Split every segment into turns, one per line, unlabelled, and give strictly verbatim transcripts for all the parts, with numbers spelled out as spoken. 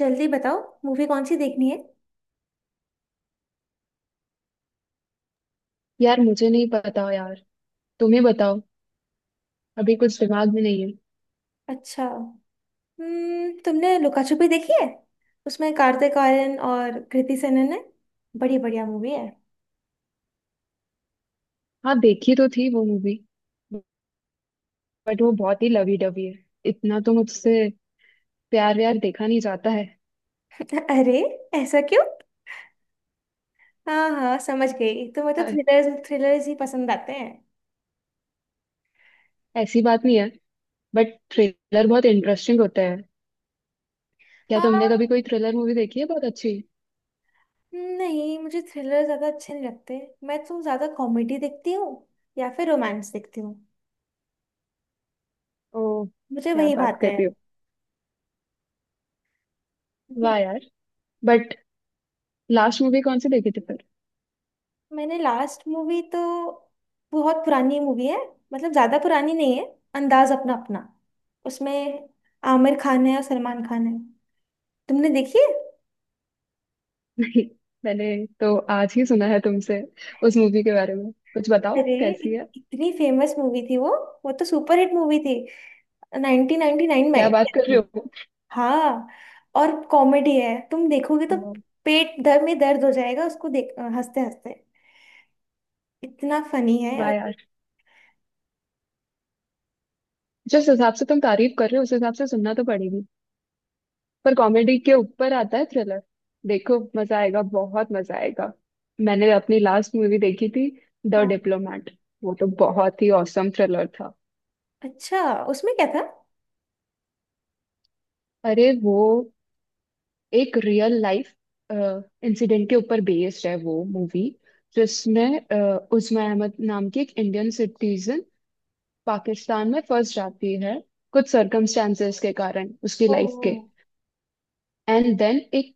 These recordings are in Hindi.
जल्दी बताओ। मूवी कौन सी देखनी है।
यार मुझे नहीं पता यार। तुम्हें बताओ। अभी कुछ दिमाग में नहीं है।
अच्छा। हम्म, तुमने लुका छुपी देखी है? उसमें कार्तिक आर्यन और कृति सेनन है। बड़ी बढ़िया मूवी है।
हाँ देखी तो थी वो मूवी। बट वो बहुत ही लवी डवी है। इतना तो मुझसे प्यार व्यार देखा नहीं जाता है।
अरे, ऐसा क्यों? हाँ हाँ समझ गई, तुम्हें तो
अ,
थ्रिलर्स थ्रिलर्स ही पसंद आते हैं।
ऐसी बात नहीं है। बट थ्रिलर बहुत इंटरेस्टिंग होता है। क्या
हाँ।
तुमने कभी कोई थ्रिलर मूवी देखी है बहुत अच्छी?
नहीं, मुझे थ्रिलर ज्यादा अच्छे नहीं लगते। मैं तो ज्यादा कॉमेडी देखती हूँ, या फिर रोमांस देखती हूँ।
ओ,
मुझे
क्या
वही
बात
भाते
कर
हैं।
रही हो? वाह यार। बट लास्ट मूवी कौन सी देखी थी फिर?
मैंने लास्ट मूवी तो, बहुत पुरानी मूवी है। मतलब ज्यादा पुरानी नहीं है। अंदाज अपना अपना। उसमें आमिर खान है और सलमान खान है। तुमने देखी है?
नहीं, मैंने तो आज ही सुना है तुमसे। उस मूवी के बारे में कुछ बताओ,
अरे,
कैसी है?
इत- इतनी फेमस मूवी थी वो। वो तो सुपरहिट मूवी थी, नाइनटीन नाइंटी नाइन
क्या बात कर रहे
में।
हो?
हाँ, और कॉमेडी है। तुम देखोगे तो
ओ,
पेट दर में दर्द हो जाएगा उसको देख, हंसते हंसते इतना फनी है।
वाह
और
यार। जिस हिसाब से तुम तारीफ कर रहे हो उस हिसाब से सुनना तो पड़ेगी। पर कॉमेडी के ऊपर आता है थ्रिलर। देखो मजा आएगा, बहुत मजा आएगा। मैंने अपनी लास्ट मूवी देखी थी, द
हाँ,
डिप्लोमेट। वो तो बहुत ही औसम थ्रिलर था।
अच्छा। उसमें क्या था?
अरे वो एक रियल लाइफ इंसिडेंट के ऊपर बेस्ड है वो मूवी। जिसमें अ, उस्मा अहमद नाम की एक इंडियन सिटीजन पाकिस्तान में फंस जाती है, कुछ सर्कमस्टांसेस के कारण उसकी लाइफ
ओह,
के। एंड देन एक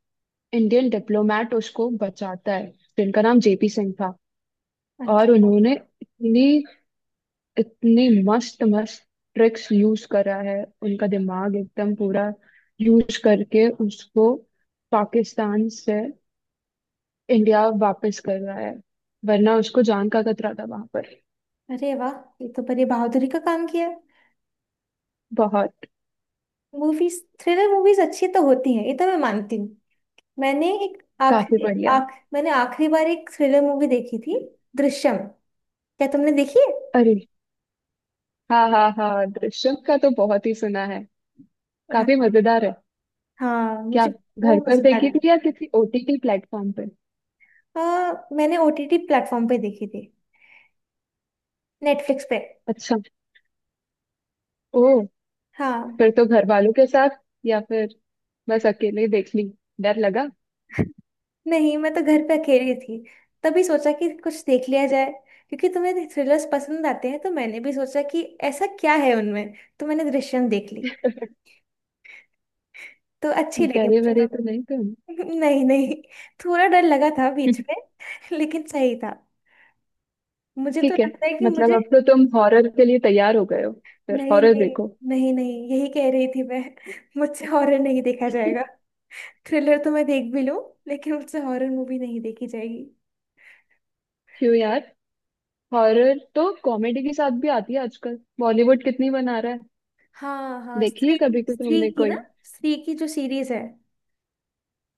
इंडियन डिप्लोमेट उसको बचाता है, जिनका नाम जेपी सिंह था। और
अच्छा।
उन्होंने इतनी इतनी मस्त मस्त ट्रिक्स यूज करा है। उनका दिमाग एकदम पूरा यूज करके उसको पाकिस्तान से इंडिया वापस कर रहा है। वरना उसको जान का खतरा था वहां पर।
अरे वाह, ये तो बड़ी बहादुरी का काम किया।
बहुत।
मूवीज, थ्रिलर मूवीज अच्छी तो होती हैं, ये तो मैं मानती हूँ। मैंने एक
काफी
आखिरी
बढ़िया।
आख मैंने आखिरी बार एक थ्रिलर मूवी देखी थी, दृश्यम। क्या तुमने देखी है?
अरे हाँ हाँ हाँ, दृश्यम का तो बहुत ही सुना है। काफी
हाँ।
मजेदार है।
हाँ,
क्या
मुझे वो
घर पर
मजेदार
देखी
लगी।
थी या किसी ओटीटी प्लेटफॉर्म पर?
आ, मैंने ओटीटी प्लेटफॉर्म पे देखी थी, नेटफ्लिक्स पे।
अच्छा। ओ।
हाँ।
फिर तो घर वालों के साथ या फिर बस अकेले देख ली? डर लगा?
नहीं, मैं तो घर पे अकेली थी। तभी सोचा कि कुछ देख लिया जाए, क्योंकि तुम्हें थ्रिलर्स पसंद आते हैं, तो मैंने भी सोचा कि ऐसा क्या है उनमें। तो मैंने दृश्यम देख ली। तो अच्छी लगी
डरे
मुझे
वरे तो नहीं तुम?
तो। नहीं नहीं, थोड़ा डर लगा था बीच में, लेकिन सही था। मुझे तो
ठीक है।
लगता है कि
मतलब
मुझे,
अब तो तुम हॉरर के लिए तैयार हो गए हो। फिर
नहीं
हॉरर
नहीं,
देखो।
नहीं नहीं, यही कह रही थी मैं। मुझसे हॉरर नहीं देखा जाएगा। थ्रिलर तो मैं देख भी लूं, लेकिन मुझसे हॉरर मूवी नहीं देखी जाएगी।
क्यों यार, हॉरर तो कॉमेडी के साथ भी आती है आजकल, बॉलीवुड कितनी बना रहा है।
हाँ हाँ,
देखी है
स्त्री।
कभी तो
स्त्री
तुमने
की
कोई?
ना, स्त्री की जो सीरीज है।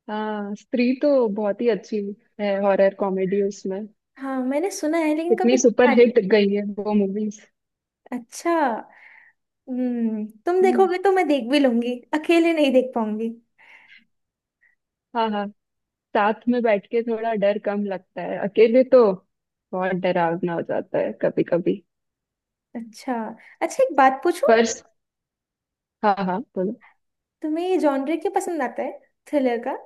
हाँ स्त्री तो बहुत ही अच्छी है, हॉरर कॉमेडी उसमें।
हाँ, मैंने सुना है लेकिन कभी
कितनी सुपर
देखा नहीं।
हिट गई है वो मूवीज।
अच्छा। हम्म, तुम देखोगे तो मैं देख भी लूंगी, अकेले नहीं देख पाऊंगी।
हाँ हाँ, साथ में बैठ के थोड़ा डर कम लगता है, अकेले तो बहुत डरावना हो जाता है कभी कभी।
अच्छा। अच्छा, एक बात पूछूं?
पर हाँ हाँ बोलो।
तुम्हें ये जॉनर क्यों पसंद आता है, थ्रिलर का?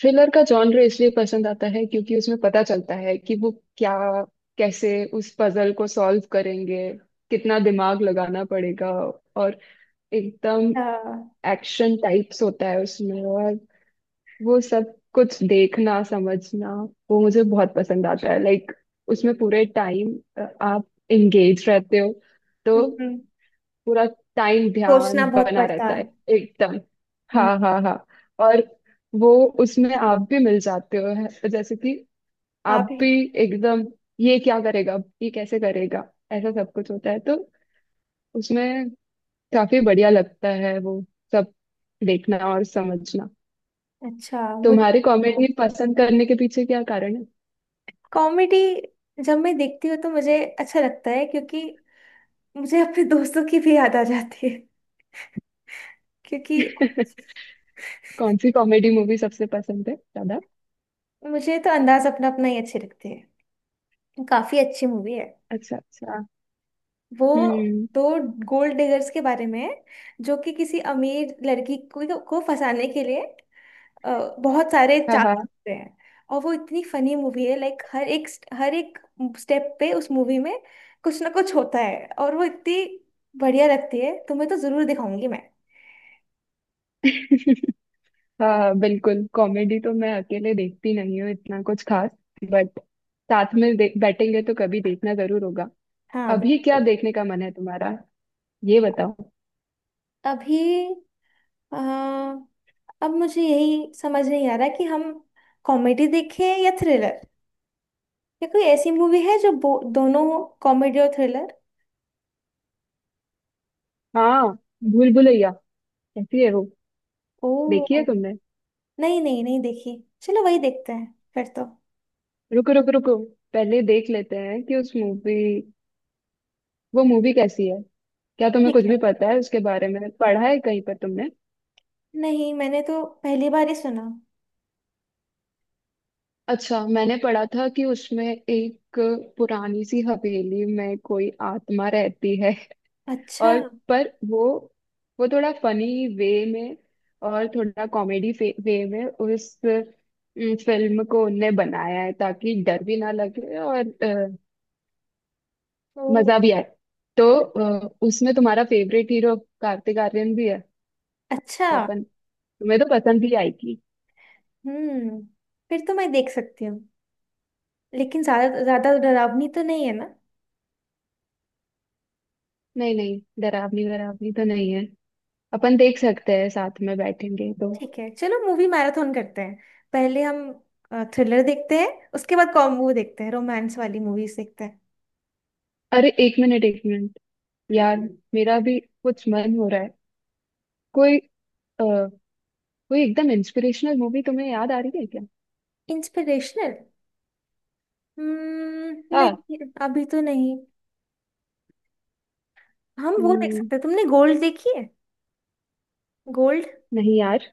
थ्रिलर का जॉनर इसलिए पसंद आता है क्योंकि उसमें पता चलता है कि वो क्या, कैसे उस पजल को सॉल्व करेंगे, कितना दिमाग लगाना पड़ेगा। और एकदम
हाँ।
एक्शन टाइप्स होता है उसमें। और वो सब कुछ देखना समझना वो मुझे बहुत पसंद आता है। लाइक उसमें पूरे टाइम आप एंगेज रहते हो। तो
हम्म, हम्म।
पूरा टाइम ध्यान
सोचना बहुत
बना
पड़ता
रहता
है।
है एकदम।
हम्म।
हाँ हाँ हाँ। और वो उसमें आप भी मिल जाते हो, है- जैसे कि
आप।
आप भी एकदम, ये क्या करेगा ये कैसे करेगा, ऐसा सब कुछ होता है तो उसमें काफी बढ़िया लगता है वो सब देखना और समझना।
अच्छा, मुझे
तुम्हारी कॉमेडी पसंद करने के पीछे क्या कारण
कॉमेडी जब मैं देखती हूँ तो मुझे अच्छा लगता है, क्योंकि मुझे अपने दोस्तों की भी याद आ जाती है। क्योंकि
है? कौन सी कॉमेडी मूवी सबसे पसंद है ज्यादा?
मुझे तो अंदाज अपना अपना ही अच्छे लगते हैं। काफी अच्छी मूवी है
अच्छा अच्छा।
वो।
हम्म।
दो गोल्ड डिगर्स के बारे में है, जो कि किसी अमीर लड़की को, को फंसाने के लिए अ, बहुत सारे चाल
हाँ
सकते हैं। और वो इतनी फनी मूवी है, लाइक हर एक हर एक स्टेप पे उस मूवी में कुछ ना कुछ होता है, और वो इतनी बढ़िया लगती है। तुम्हें तो जरूर दिखाऊंगी मैं।
हाँ। हाँ हाँ, बिल्कुल, कॉमेडी तो मैं अकेले देखती नहीं हूँ इतना कुछ खास। बट साथ में दे- बैठेंगे तो कभी देखना जरूर होगा।
हाँ
अभी क्या
बिल्कुल।
देखने का मन है तुम्हारा, ये बताओ।
अभी अ, अब मुझे यही समझ नहीं आ रहा कि हम कॉमेडी देखें या थ्रिलर, या कोई ऐसी मूवी है जो बो- दोनों, कॉमेडी और थ्रिलर।
हाँ भूल भुलैया कैसी है वो?
ओ,
देखी है तुमने?
नहीं नहीं, नहीं देखी। चलो वही देखते हैं फिर तो।
रुको रुको रुको, पहले देख लेते हैं कि उस मूवी, वो मूवी कैसी है। क्या तुम्हें
ठीक
कुछ
है।
भी पता है उसके बारे में, पढ़ा है कहीं पर तुमने?
नहीं, मैंने तो पहली बार ही सुना।
अच्छा, मैंने पढ़ा था कि उसमें एक पुरानी सी हवेली में कोई आत्मा रहती है।
अच्छा।
और पर वो वो थोड़ा फनी वे में और थोड़ा कॉमेडी वे में उस फिल्म को उनने बनाया है ताकि डर भी ना लगे और अ,
ओ,
मजा भी आए। तो अ, उसमें तुम्हारा फेवरेट हीरो कार्तिक आर्यन भी है।
अच्छा।
तो अपन, तुम्हें तो पसंद भी आएगी।
हम्म, फिर तो मैं देख सकती हूँ। लेकिन ज्यादा, ज्यादा डरावनी तो नहीं है ना?
नहीं नहीं, डरावनी डरावनी तो नहीं है। अपन देख
ठीक।
सकते हैं, साथ में बैठेंगे तो।
ठीक है, चलो मूवी मैराथन करते हैं। पहले हम थ्रिलर देखते हैं, उसके बाद कॉम वो देखते हैं, रोमांस वाली मूवीज देखते हैं।
अरे एक मिनट एक मिनट यार, मेरा भी कुछ मन हो रहा है। कोई कोई एकदम इंस्पिरेशनल मूवी तुम्हें याद आ रही है क्या?
इंस्पिरेशनल? हम्म,
हाँ।
नहीं। अभी तो नहीं। हम वो देख
हम्म,
सकते हैं, तुमने गोल्ड देखी है? गोल्ड,
नहीं यार।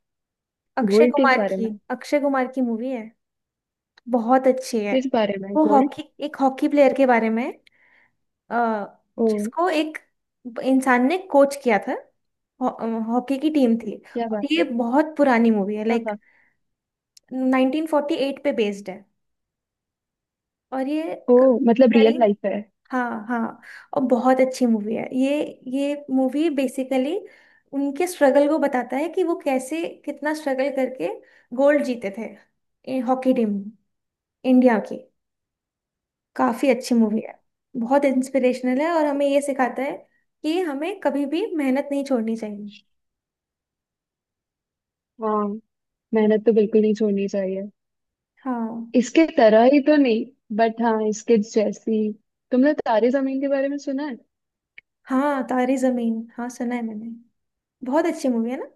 अक्षय
गोल्ड किस
कुमार
बारे
की
में?
अक्षय कुमार की मूवी है। बहुत अच्छी है।
किस बारे में
वो
गोल्ड?
हॉकी एक हॉकी प्लेयर के बारे में है। अ,
ओ
जिसको एक इंसान ने कोच किया था। हॉ- अ, हॉकी की टीम थी।
क्या
और
बात
ये
है।
बहुत पुरानी मूवी है,
हाँ
लाइक
हाँ।
नाइनटीन फोर्टी एट पे बेस्ड है। और ये
ओ,
क-
मतलब रियल
करीब,
लाइफ है।
हाँ हाँ। और बहुत अच्छी मूवी है ये। ये मूवी बेसिकली उनके स्ट्रगल को बताता है, कि वो कैसे, कितना स्ट्रगल करके गोल्ड जीते थे, हॉकी टीम इंडिया की। काफी अच्छी
हम्म,
मूवी है। बहुत इंस्पिरेशनल है और हमें ये सिखाता है कि हमें कभी भी मेहनत नहीं छोड़नी चाहिए।
हाँ। मेहनत तो बिल्कुल नहीं छोड़नी चाहिए।
हाँ।
इसके तरह ही तो नहीं, बट हाँ इसके जैसी। तुमने तारे जमीन के बारे में सुना है?
हाँ तारे जमीन, हाँ सुना है मैंने। बहुत अच्छी मूवी है ना?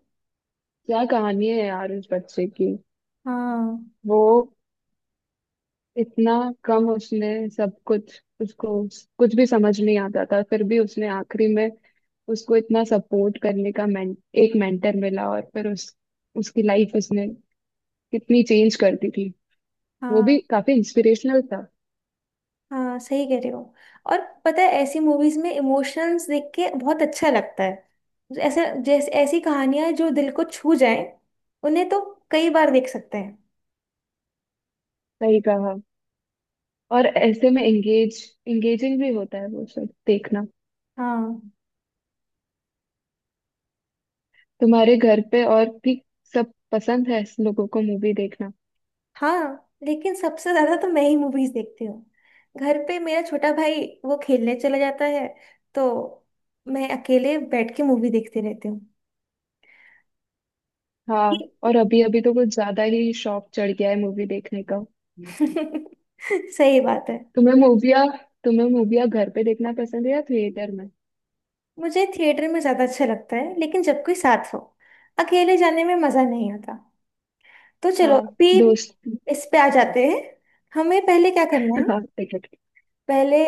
क्या कहानी है यार उस बच्चे की।
हाँ
वो इतना कम उसने सब कुछ, उसको कुछ भी समझ नहीं आता था, फिर भी उसने आखिरी में, उसको इतना सपोर्ट करने का मेन, एक मेंटर मिला और फिर उस उसकी लाइफ उसने कितनी चेंज कर दी थी। वो भी
हाँ
काफी इंस्पिरेशनल था।
हाँ, सही कह रहे हो। और पता है, ऐसी मूवीज में इमोशंस देख के बहुत अच्छा लगता है। ऐसा जैसे, ऐसी कहानियां जो दिल को छू जाए, उन्हें तो कई बार देख सकते हैं।
सही कहा। और ऐसे में एंगेज, एंगेजिंग भी होता है वो सब देखना।
हाँ।
तुम्हारे घर पे और भी सब पसंद है ऐसे लोगों को मूवी देखना?
हाँ, लेकिन सबसे ज्यादा तो मैं ही मूवीज देखती हूँ। घर पे मेरा छोटा भाई वो खेलने चला जाता है, तो मैं अकेले बैठ के मूवी देखती रहती हूँ।
हाँ, और अभी अभी तो कुछ ज्यादा ही शौक चढ़ गया है मूवी देखने का।
सही बात है।
तुम्हें मूविया, तुम्हें मूविया घर पे देखना पसंद है या थिएटर में?
मुझे थिएटर में ज्यादा अच्छा लगता है, लेकिन जब कोई साथ हो। अकेले जाने में मजा नहीं आता। तो चलो
हाँ
अभी
दोस्त।
इस पे आ जाते हैं, हमें पहले क्या करना है।
हाँ टिकट
पहले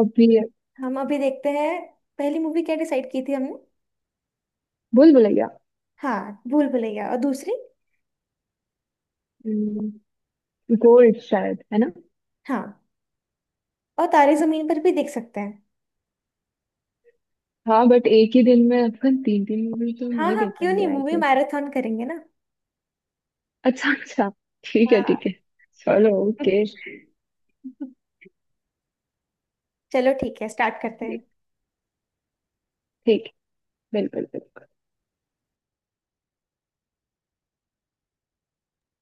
अभी है।
हम अभी देखते हैं, पहली मूवी क्या डिसाइड की थी हमने?
भूल भुलैया।
हाँ, भूल भुलैया। और दूसरी?
हम्म। गोल्ड शायद है ना।
हाँ, और तारे जमीन पर भी देख सकते हैं।
हाँ बट एक ही दिन में अपन तीन तीन मूवी तो
हाँ
नहीं
हाँ,
देख
क्यों
पाएंगे
नहीं,
आई
मूवी
गेस।
मैराथन करेंगे ना।
अच्छा अच्छा, ठीक है
हाँ।
ठीक है। चलो ओके।
चलो ठीक है, स्टार्ट करते हैं।
ठीक। बिल्कुल बिल्कुल।